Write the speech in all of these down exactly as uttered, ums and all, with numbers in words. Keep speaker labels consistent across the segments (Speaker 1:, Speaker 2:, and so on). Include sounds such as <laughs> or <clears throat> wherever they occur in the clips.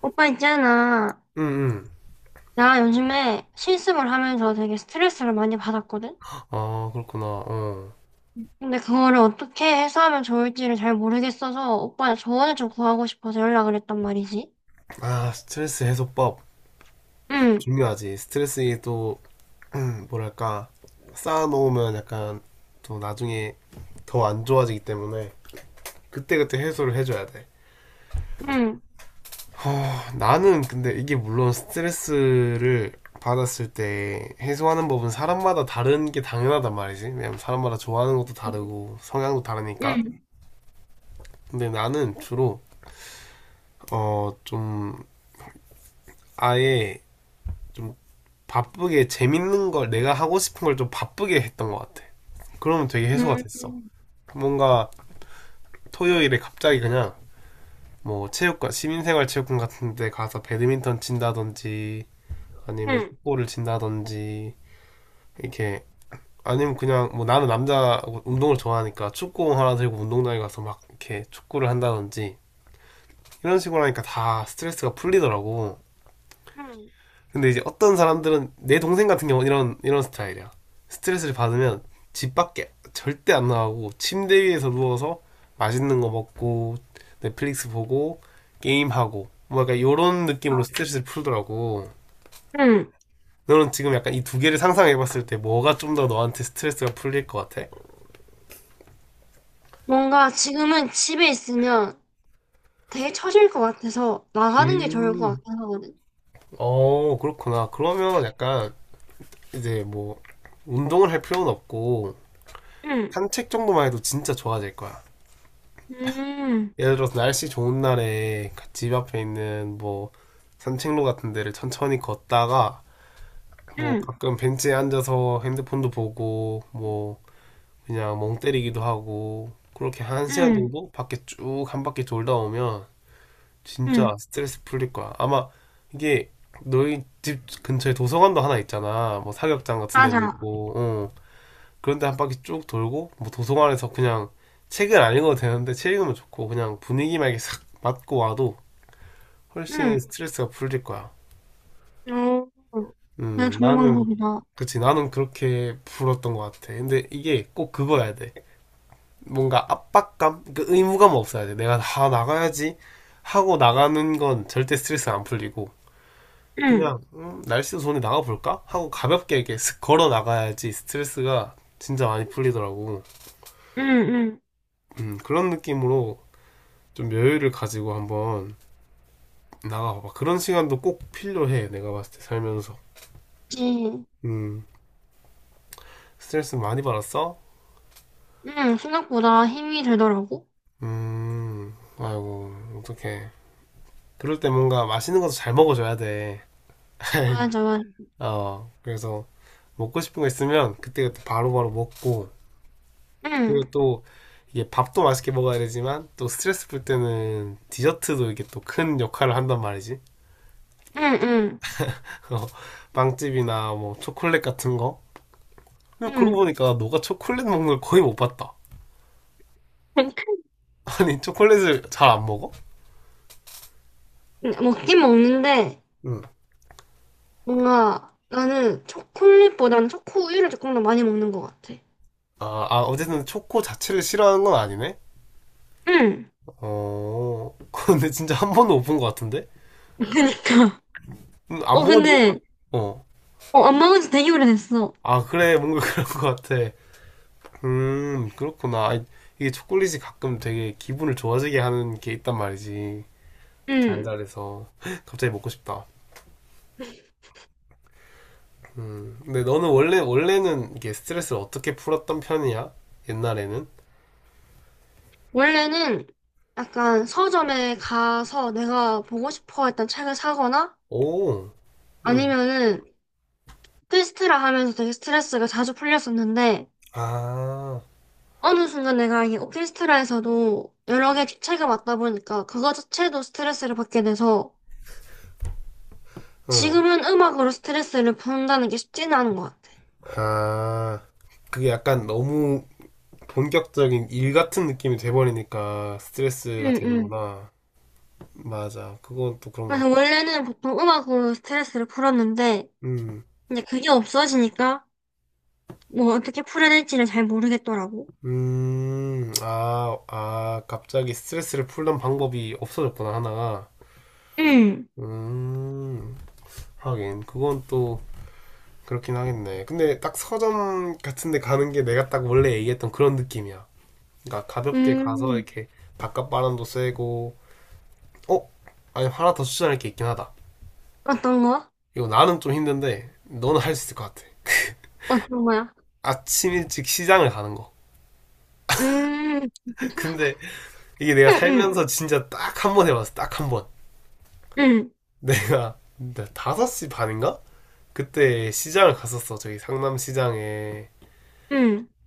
Speaker 1: 오빠 있잖아.
Speaker 2: 응, 응.
Speaker 1: 나 요즘에 실습을 하면서 되게 스트레스를 많이 받았거든?
Speaker 2: 아, 그렇구나. 어.
Speaker 1: 근데 그거를 어떻게 해소하면 좋을지를 잘 모르겠어서 오빠의 조언을 좀 구하고 싶어서 연락을 했단 말이지.
Speaker 2: 아, 스트레스 해소법.
Speaker 1: 응,
Speaker 2: 중요하지. 스트레스에 또, <clears throat> 뭐랄까, 쌓아놓으면 약간 또 나중에 더 안 좋아지기 때문에 그때그때 해소를 해줘야 돼.
Speaker 1: 응,
Speaker 2: 허, 나는 근데 이게 물론 스트레스를 받았을 때 해소하는 법은 사람마다 다른 게 당연하단 말이지. 왜냐면 사람마다 좋아하는 것도 다르고 성향도 다르니까.
Speaker 1: 응,
Speaker 2: 근데 나는 주로, 어, 좀 아예 좀 바쁘게 재밌는 걸 내가 하고 싶은 걸 좀 바쁘게 했던 것 같아. 그러면 되게 해소가 됐어.
Speaker 1: 응,
Speaker 2: 뭔가 토요일에 갑자기 그냥 뭐 체육관, 시민생활 체육관 같은 데 가서 배드민턴 친다든지 아니면
Speaker 1: 응,
Speaker 2: 축구를 친다든지 이렇게 아니면 그냥 뭐 나는 남자 운동을 좋아하니까 축구공 하나 들고 운동장에 가서 막 이렇게 축구를 한다든지 이런 식으로 하니까 다 스트레스가 풀리더라고.
Speaker 1: 응.
Speaker 2: 근데 이제 어떤 사람들은 내 동생 같은 경우는 이런 이런 스타일이야. 스트레스를 받으면 집 밖에 절대 안 나가고 침대 위에서 누워서 맛있는 거 먹고 넷플릭스 보고 게임하고 뭐 약간 요런
Speaker 1: 아,
Speaker 2: 느낌으로 스트레스를 풀더라고.
Speaker 1: 응.
Speaker 2: 너는 지금 약간 이 두 개를 상상해봤을 때 뭐가 좀 더 너한테 스트레스가 풀릴 것 같아?
Speaker 1: 뭔가 지금은 집에 있으면 되게 처질 것 같아서 나가는 게 좋을 것
Speaker 2: 음,
Speaker 1: 같긴 하거든.
Speaker 2: 어, 그렇구나. 그러면 약간 이제 뭐 운동을 할 필요는 없고
Speaker 1: 응,
Speaker 2: 산책 정도만 해도 진짜 좋아질 거야.
Speaker 1: 응,
Speaker 2: 예를 들어서 날씨 좋은 날에 집 앞에 있는 뭐 산책로 같은 데를 천천히 걷다가 뭐
Speaker 1: 응,
Speaker 2: 가끔 벤치에 앉아서 핸드폰도 보고 뭐 그냥 멍 때리기도 하고 그렇게 한 시간
Speaker 1: 응,
Speaker 2: 정도 밖에 쭉 한 바퀴 돌다 오면
Speaker 1: 응.
Speaker 2: 진짜 스트레스 풀릴 거야. 아마 이게 너희 집 근처에 도서관도 하나 있잖아. 뭐 사격장 같은 데도
Speaker 1: 맞아.
Speaker 2: 있고, 어. 그런데 한 바퀴 쭉 돌고 뭐 도서관에서 그냥 책은 안 읽어도 되는데 책 읽으면 좋고 그냥 분위기만 이렇게 싹 맞고 와도
Speaker 1: 응.
Speaker 2: 훨씬 스트레스가 풀릴 거야.
Speaker 1: 어, 되게
Speaker 2: 음,
Speaker 1: 좋은
Speaker 2: 나는,
Speaker 1: 방법이다.
Speaker 2: 그치, 나는 그렇게 풀었던 것 같아. 근데 이게 꼭 그거야 돼. 뭔가 압박감? 그 의무감 없어야 돼. 내가 다 나가야지 하고 나가는 건 절대 스트레스 안 풀리고,
Speaker 1: 응,
Speaker 2: 그냥, 음, 날씨 좋은데 나가볼까? 하고 가볍게 이렇게 슥 걸어 나가야지 스트레스가 진짜 많이 풀리더라고.
Speaker 1: 응, 응.
Speaker 2: 음, 그런 느낌으로 좀 여유를 가지고 한번 나가봐봐. 그런 시간도 꼭 필요해. 내가 봤을 때 살면서.
Speaker 1: 그치.
Speaker 2: 음, 스트레스 많이 받았어?
Speaker 1: 응, 생각보다 힘이 들더라고.
Speaker 2: 음, 아이고, 어떡해. 그럴 때 뭔가 맛있는 것도 잘 먹어줘야 돼. <laughs>
Speaker 1: 맞아, 맞아.
Speaker 2: 어, 그래서 먹고 싶은 거 있으면 그때그때 바로바로 먹고,
Speaker 1: 응,
Speaker 2: 그리고 또 이게 밥도 맛있게 먹어야 되지만, 또 스트레스 풀 때는 디저트도 이게 또 큰 역할을 한단 말이지.
Speaker 1: 응, 응,
Speaker 2: <laughs> 어, 빵집이나 뭐 초콜릿 같은 거. 근데 그러고
Speaker 1: 응.
Speaker 2: 보니까 너가 초콜릿 먹는 걸 거의 못 봤다.
Speaker 1: <laughs>
Speaker 2: <laughs> 아니, 초콜릿을 잘 안 먹어?
Speaker 1: 먹긴 먹는데,
Speaker 2: 응.
Speaker 1: 뭔가 나는 초콜릿보다는 초코우유를 조금 더 많이 먹는 것 같아.
Speaker 2: 아, 아, 어쨌든 초코 자체를 싫어하는 건 아니네.
Speaker 1: 응,
Speaker 2: 어, <laughs> 근데 진짜 한 번도 못 본 것 같은데?
Speaker 1: 그니까.
Speaker 2: 음, 안
Speaker 1: 어,
Speaker 2: 먹은 지,
Speaker 1: 근데,
Speaker 2: 어.
Speaker 1: 어, 안 먹은 지 되게 오래됐어.
Speaker 2: 아, 그래, 뭔가 <laughs> 그런 것 같아. 음, 그렇구나. 아니, 이게 초콜릿이 가끔 되게 기분을 좋아지게 하는 게 있단 말이지.
Speaker 1: 응.
Speaker 2: 달달해서. <laughs> 갑자기 먹고 싶다. 음, 근데 너는 원래, 원래는 이게 스트레스를 어떻게 풀었던 편이야? 옛날에는?
Speaker 1: 원래는 약간 서점에 가서 내가 보고 싶어 했던 책을 사거나
Speaker 2: 오, 음.
Speaker 1: 아니면은 필스트라 하면서 되게 스트레스가 자주 풀렸었는데,
Speaker 2: 아,
Speaker 1: 어느 순간 내가 이 오케스트라에서도 여러 개 주체가 맞다 보니까 그거 자체도 스트레스를 받게 돼서
Speaker 2: 응.
Speaker 1: 지금은 음악으로 스트레스를 푼다는 게 쉽지는 않은 것 같아.
Speaker 2: 아, 그게 약간 너무 본격적인 일 같은 느낌이 돼버리니까 스트레스가
Speaker 1: 응, 응.
Speaker 2: 되는구나. 맞아. 그건 또 그런 것
Speaker 1: 그래서
Speaker 2: 같아.
Speaker 1: 원래는 보통 음악으로 스트레스를 풀었는데
Speaker 2: 음,
Speaker 1: 이제 그게 없어지니까 뭐 어떻게 풀어야 될지를 잘 모르겠더라고.
Speaker 2: 음, 아, 아, 갑자기 스트레스를 풀던 방법이 없어졌구나, 하나가.
Speaker 1: 응.
Speaker 2: 음, 하긴. 그건 또 그렇긴 하겠네. 근데 딱 서점 같은 데 가는 게 내가 딱 원래 얘기했던 그런 느낌이야. 그러니까 가볍게 가서
Speaker 1: 음.
Speaker 2: 이렇게 바깥 바람도 쐬고, 어? 아니, 하나 더 추천할 게 있긴 하다.
Speaker 1: 어떤 거?
Speaker 2: 이거 나는 좀 힘든데, 너는 할 수 있을 것 같아.
Speaker 1: 어떤 거야?
Speaker 2: 아침 일찍 시장을 가는 거.
Speaker 1: 음,
Speaker 2: 근데 이게 내가
Speaker 1: 응,
Speaker 2: 살면서 진짜 딱 한 번 해봤어. 딱 한 번.
Speaker 1: 응응응,
Speaker 2: 내가 다섯시 반인가? 그때 시장을 갔었어. 저기 상남 시장에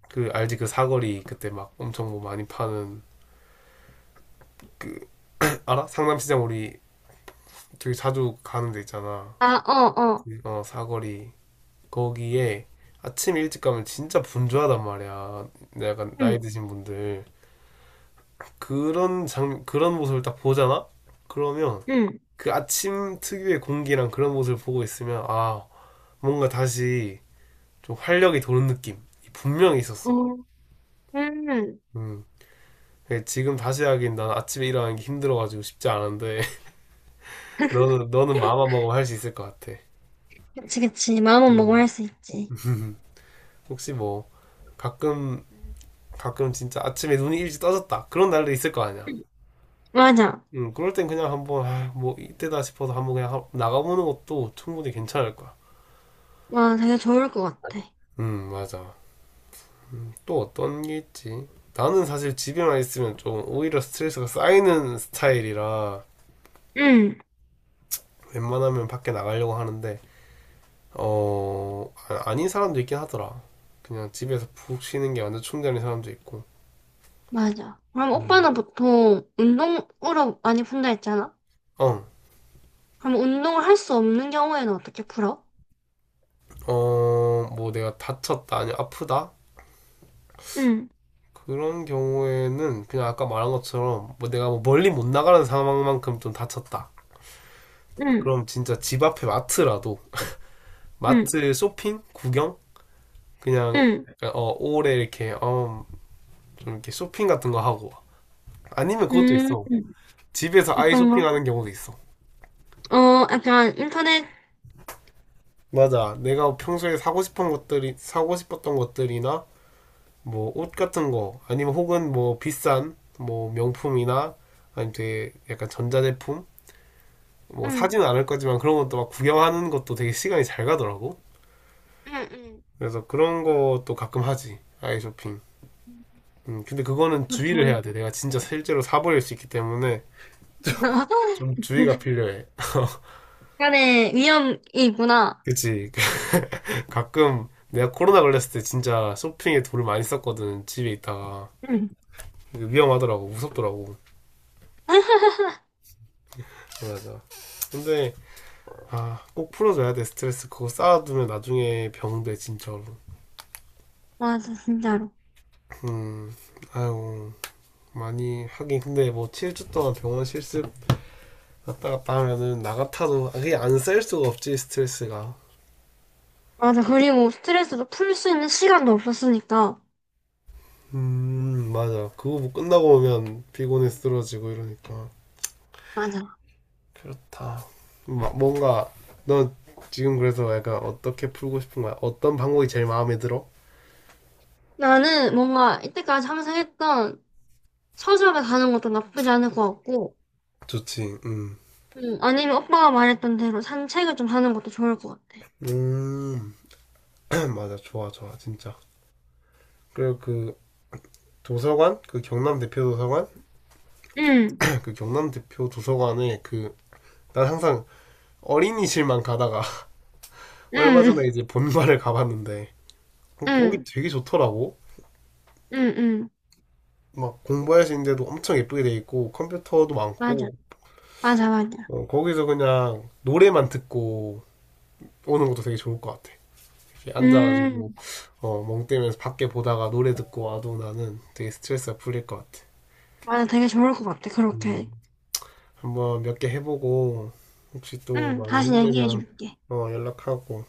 Speaker 2: 그 알지 그 사거리 그때 막 엄청 뭐 많이 파는 그 알아? 상남 시장 우리 되게 자주 가는 데 있잖아.
Speaker 1: 아, 어, 어,
Speaker 2: 어 사거리 거기에 아침 일찍 가면 진짜 분주하단 말이야. 약간
Speaker 1: 응응,
Speaker 2: 나이 드신 분들 그런 장 그런 모습을 딱 보잖아. 그러면 그 아침 특유의 공기랑 그런 모습을 보고 있으면 아 뭔가 다시 좀 활력이 도는 느낌 분명히
Speaker 1: 어,
Speaker 2: 있었어.
Speaker 1: 음.
Speaker 2: 음. 그 지금 다시 하긴 난 아침에 일어나는 게 힘들어가지고 쉽지 않은데 <laughs> 너는 너는 마음만 먹으면 할 수 있을 것 같아.
Speaker 1: 그치, 그치. 마음만 먹으면
Speaker 2: 음.
Speaker 1: 할 수 있지.
Speaker 2: <laughs> 혹시 뭐 가끔 가끔 진짜 아침에 눈이 일찍 떠졌다 그런 날도 있을 거 아니야.
Speaker 1: 맞아.
Speaker 2: 음, 그럴 땐 그냥 한번 아, 뭐 이때다 싶어서 한번 그냥 나가보는 것도 충분히 괜찮을 거야.
Speaker 1: 와, 되게 좋을 것 같아.
Speaker 2: 음, 맞아. 음, 또 어떤 게 있지? 나는 사실 집에만 있으면 좀 오히려 스트레스가 쌓이는 스타일이라
Speaker 1: 응,
Speaker 2: 웬만하면 밖에 나가려고 하는데 어 아- 닌 사람도 있긴 하더라. 그냥 집에서 푹 쉬는 게 완전 충전인 사람도 있고.
Speaker 1: 맞아. 그럼
Speaker 2: 음.
Speaker 1: 오빠는 보통 운동으로 많이 푼다 했잖아?
Speaker 2: 어,
Speaker 1: 그럼 운동을 할 수 없는 경우에는 어떻게 풀어?
Speaker 2: 어, 뭐 내가 다쳤다, 아니 아프다?
Speaker 1: 응,
Speaker 2: 그런 경우에는 그냥 아까 말한 것처럼 뭐 내가 뭐 멀리 못 나가는 상황만큼 좀 다쳤다.
Speaker 1: 응,
Speaker 2: 그럼 진짜 집 앞에 마트라도
Speaker 1: 응,
Speaker 2: 마트 쇼핑? 구경? 그냥
Speaker 1: 응,
Speaker 2: 약간, 어 오래 이렇게 어, 좀 이렇게 쇼핑 같은 거 하고 아니면 그것도
Speaker 1: 응.
Speaker 2: 있어 집에서 아이
Speaker 1: 어떤 거?
Speaker 2: 쇼핑하는 경우도 있어
Speaker 1: 어, 약간 인터넷,
Speaker 2: 맞아 내가 평소에 사고 싶은 것들이 사고 싶었던 것들이나 뭐 옷 같은 거 아니면 혹은 뭐 비싼 뭐 명품이나 아니면 되게 약간 전자제품 뭐
Speaker 1: 응,
Speaker 2: 사지는 않을 거지만 그런 것도 막 구경하는 것도 되게 시간이 잘 가더라고
Speaker 1: 응, 응.
Speaker 2: 그래서 그런 것도 가끔 하지 아이 쇼핑 음, 근데 그거는
Speaker 1: 그거
Speaker 2: 주의를
Speaker 1: 좋은
Speaker 2: 해야 돼
Speaker 1: 거.
Speaker 2: 내가 진짜 실제로 사버릴 수 있기 때문에
Speaker 1: <laughs>
Speaker 2: 좀 주의가 필요해. <laughs>
Speaker 1: 약간의 위험이 있구나.
Speaker 2: 그치. <laughs> 가끔 내가 코로나 걸렸을 때 진짜 쇼핑에 돈을 많이 썼거든. 집에 있다가.
Speaker 1: 응.
Speaker 2: 위험하더라고. 무섭더라고.
Speaker 1: <laughs>
Speaker 2: 맞아. 근데, 아, 꼭 풀어줘야 돼, 스트레스. 그거 쌓아두면 나중에 병돼, 진짜로.
Speaker 1: 맞아, 진짜로.
Speaker 2: 음, 아유, 많이 하긴. 근데 뭐 칠 주 동안 병원 실습 왔다 갔다 하면은 나 같아도 그게 안 쌓일 수가 없지, 스트레스가.
Speaker 1: 맞아, 그리고 스트레스도 풀 수 있는 시간도 없었으니까.
Speaker 2: 음, 맞아. 그거 뭐 끝나고 오면 피곤해 쓰러지고 이러니까.
Speaker 1: 맞아.
Speaker 2: 그렇다. 뭔가 넌 지금 그래서 약간 어떻게 풀고 싶은 거야? 어떤 방법이 제일 마음에 들어?
Speaker 1: 나는 뭔가 이때까지 항상 했던 서점에 가는 것도 나쁘지 않을 것 같고,
Speaker 2: 좋지. 음.
Speaker 1: 음, 아니면 오빠가 말했던 대로 산책을 좀 하는 것도 좋을 것 같아.
Speaker 2: 음. <clears throat> <laughs> 맞아. 좋아, 좋아. 진짜. 그리고 그 도서관, 그 경남 대표 도서관, <clears throat>
Speaker 1: 응,
Speaker 2: <laughs> 그 경남 대표 도서관에 그 난 항상 어린이실만 가다가 <laughs> 얼마
Speaker 1: 응,
Speaker 2: 전에 이제 본관을 가봤는데 어, 거기
Speaker 1: 응,
Speaker 2: 되게 좋더라고.
Speaker 1: 응, 응.
Speaker 2: 막 공부할 수 있는 데도 엄청 예쁘게 돼 있고 컴퓨터도
Speaker 1: 맞아.
Speaker 2: 많고
Speaker 1: 맞아, 맞아.
Speaker 2: 어, 거기서 그냥 노래만 듣고 오는 것도 되게 좋을 것 같아. 이렇게 앉아가지고
Speaker 1: 음,
Speaker 2: 어, 멍 때면서 밖에 보다가 노래 듣고 와도 나는 되게 스트레스가 풀릴 것 같아.
Speaker 1: 맞아. 되게 좋을 것 같아. 그렇게.
Speaker 2: 음, 한번 몇 개 해보고 혹시 또
Speaker 1: 응,
Speaker 2: 많이
Speaker 1: 다시 얘기해
Speaker 2: 힘들면
Speaker 1: 줄게.
Speaker 2: 어, 연락하고.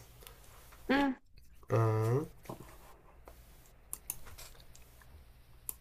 Speaker 1: 응.
Speaker 2: 음.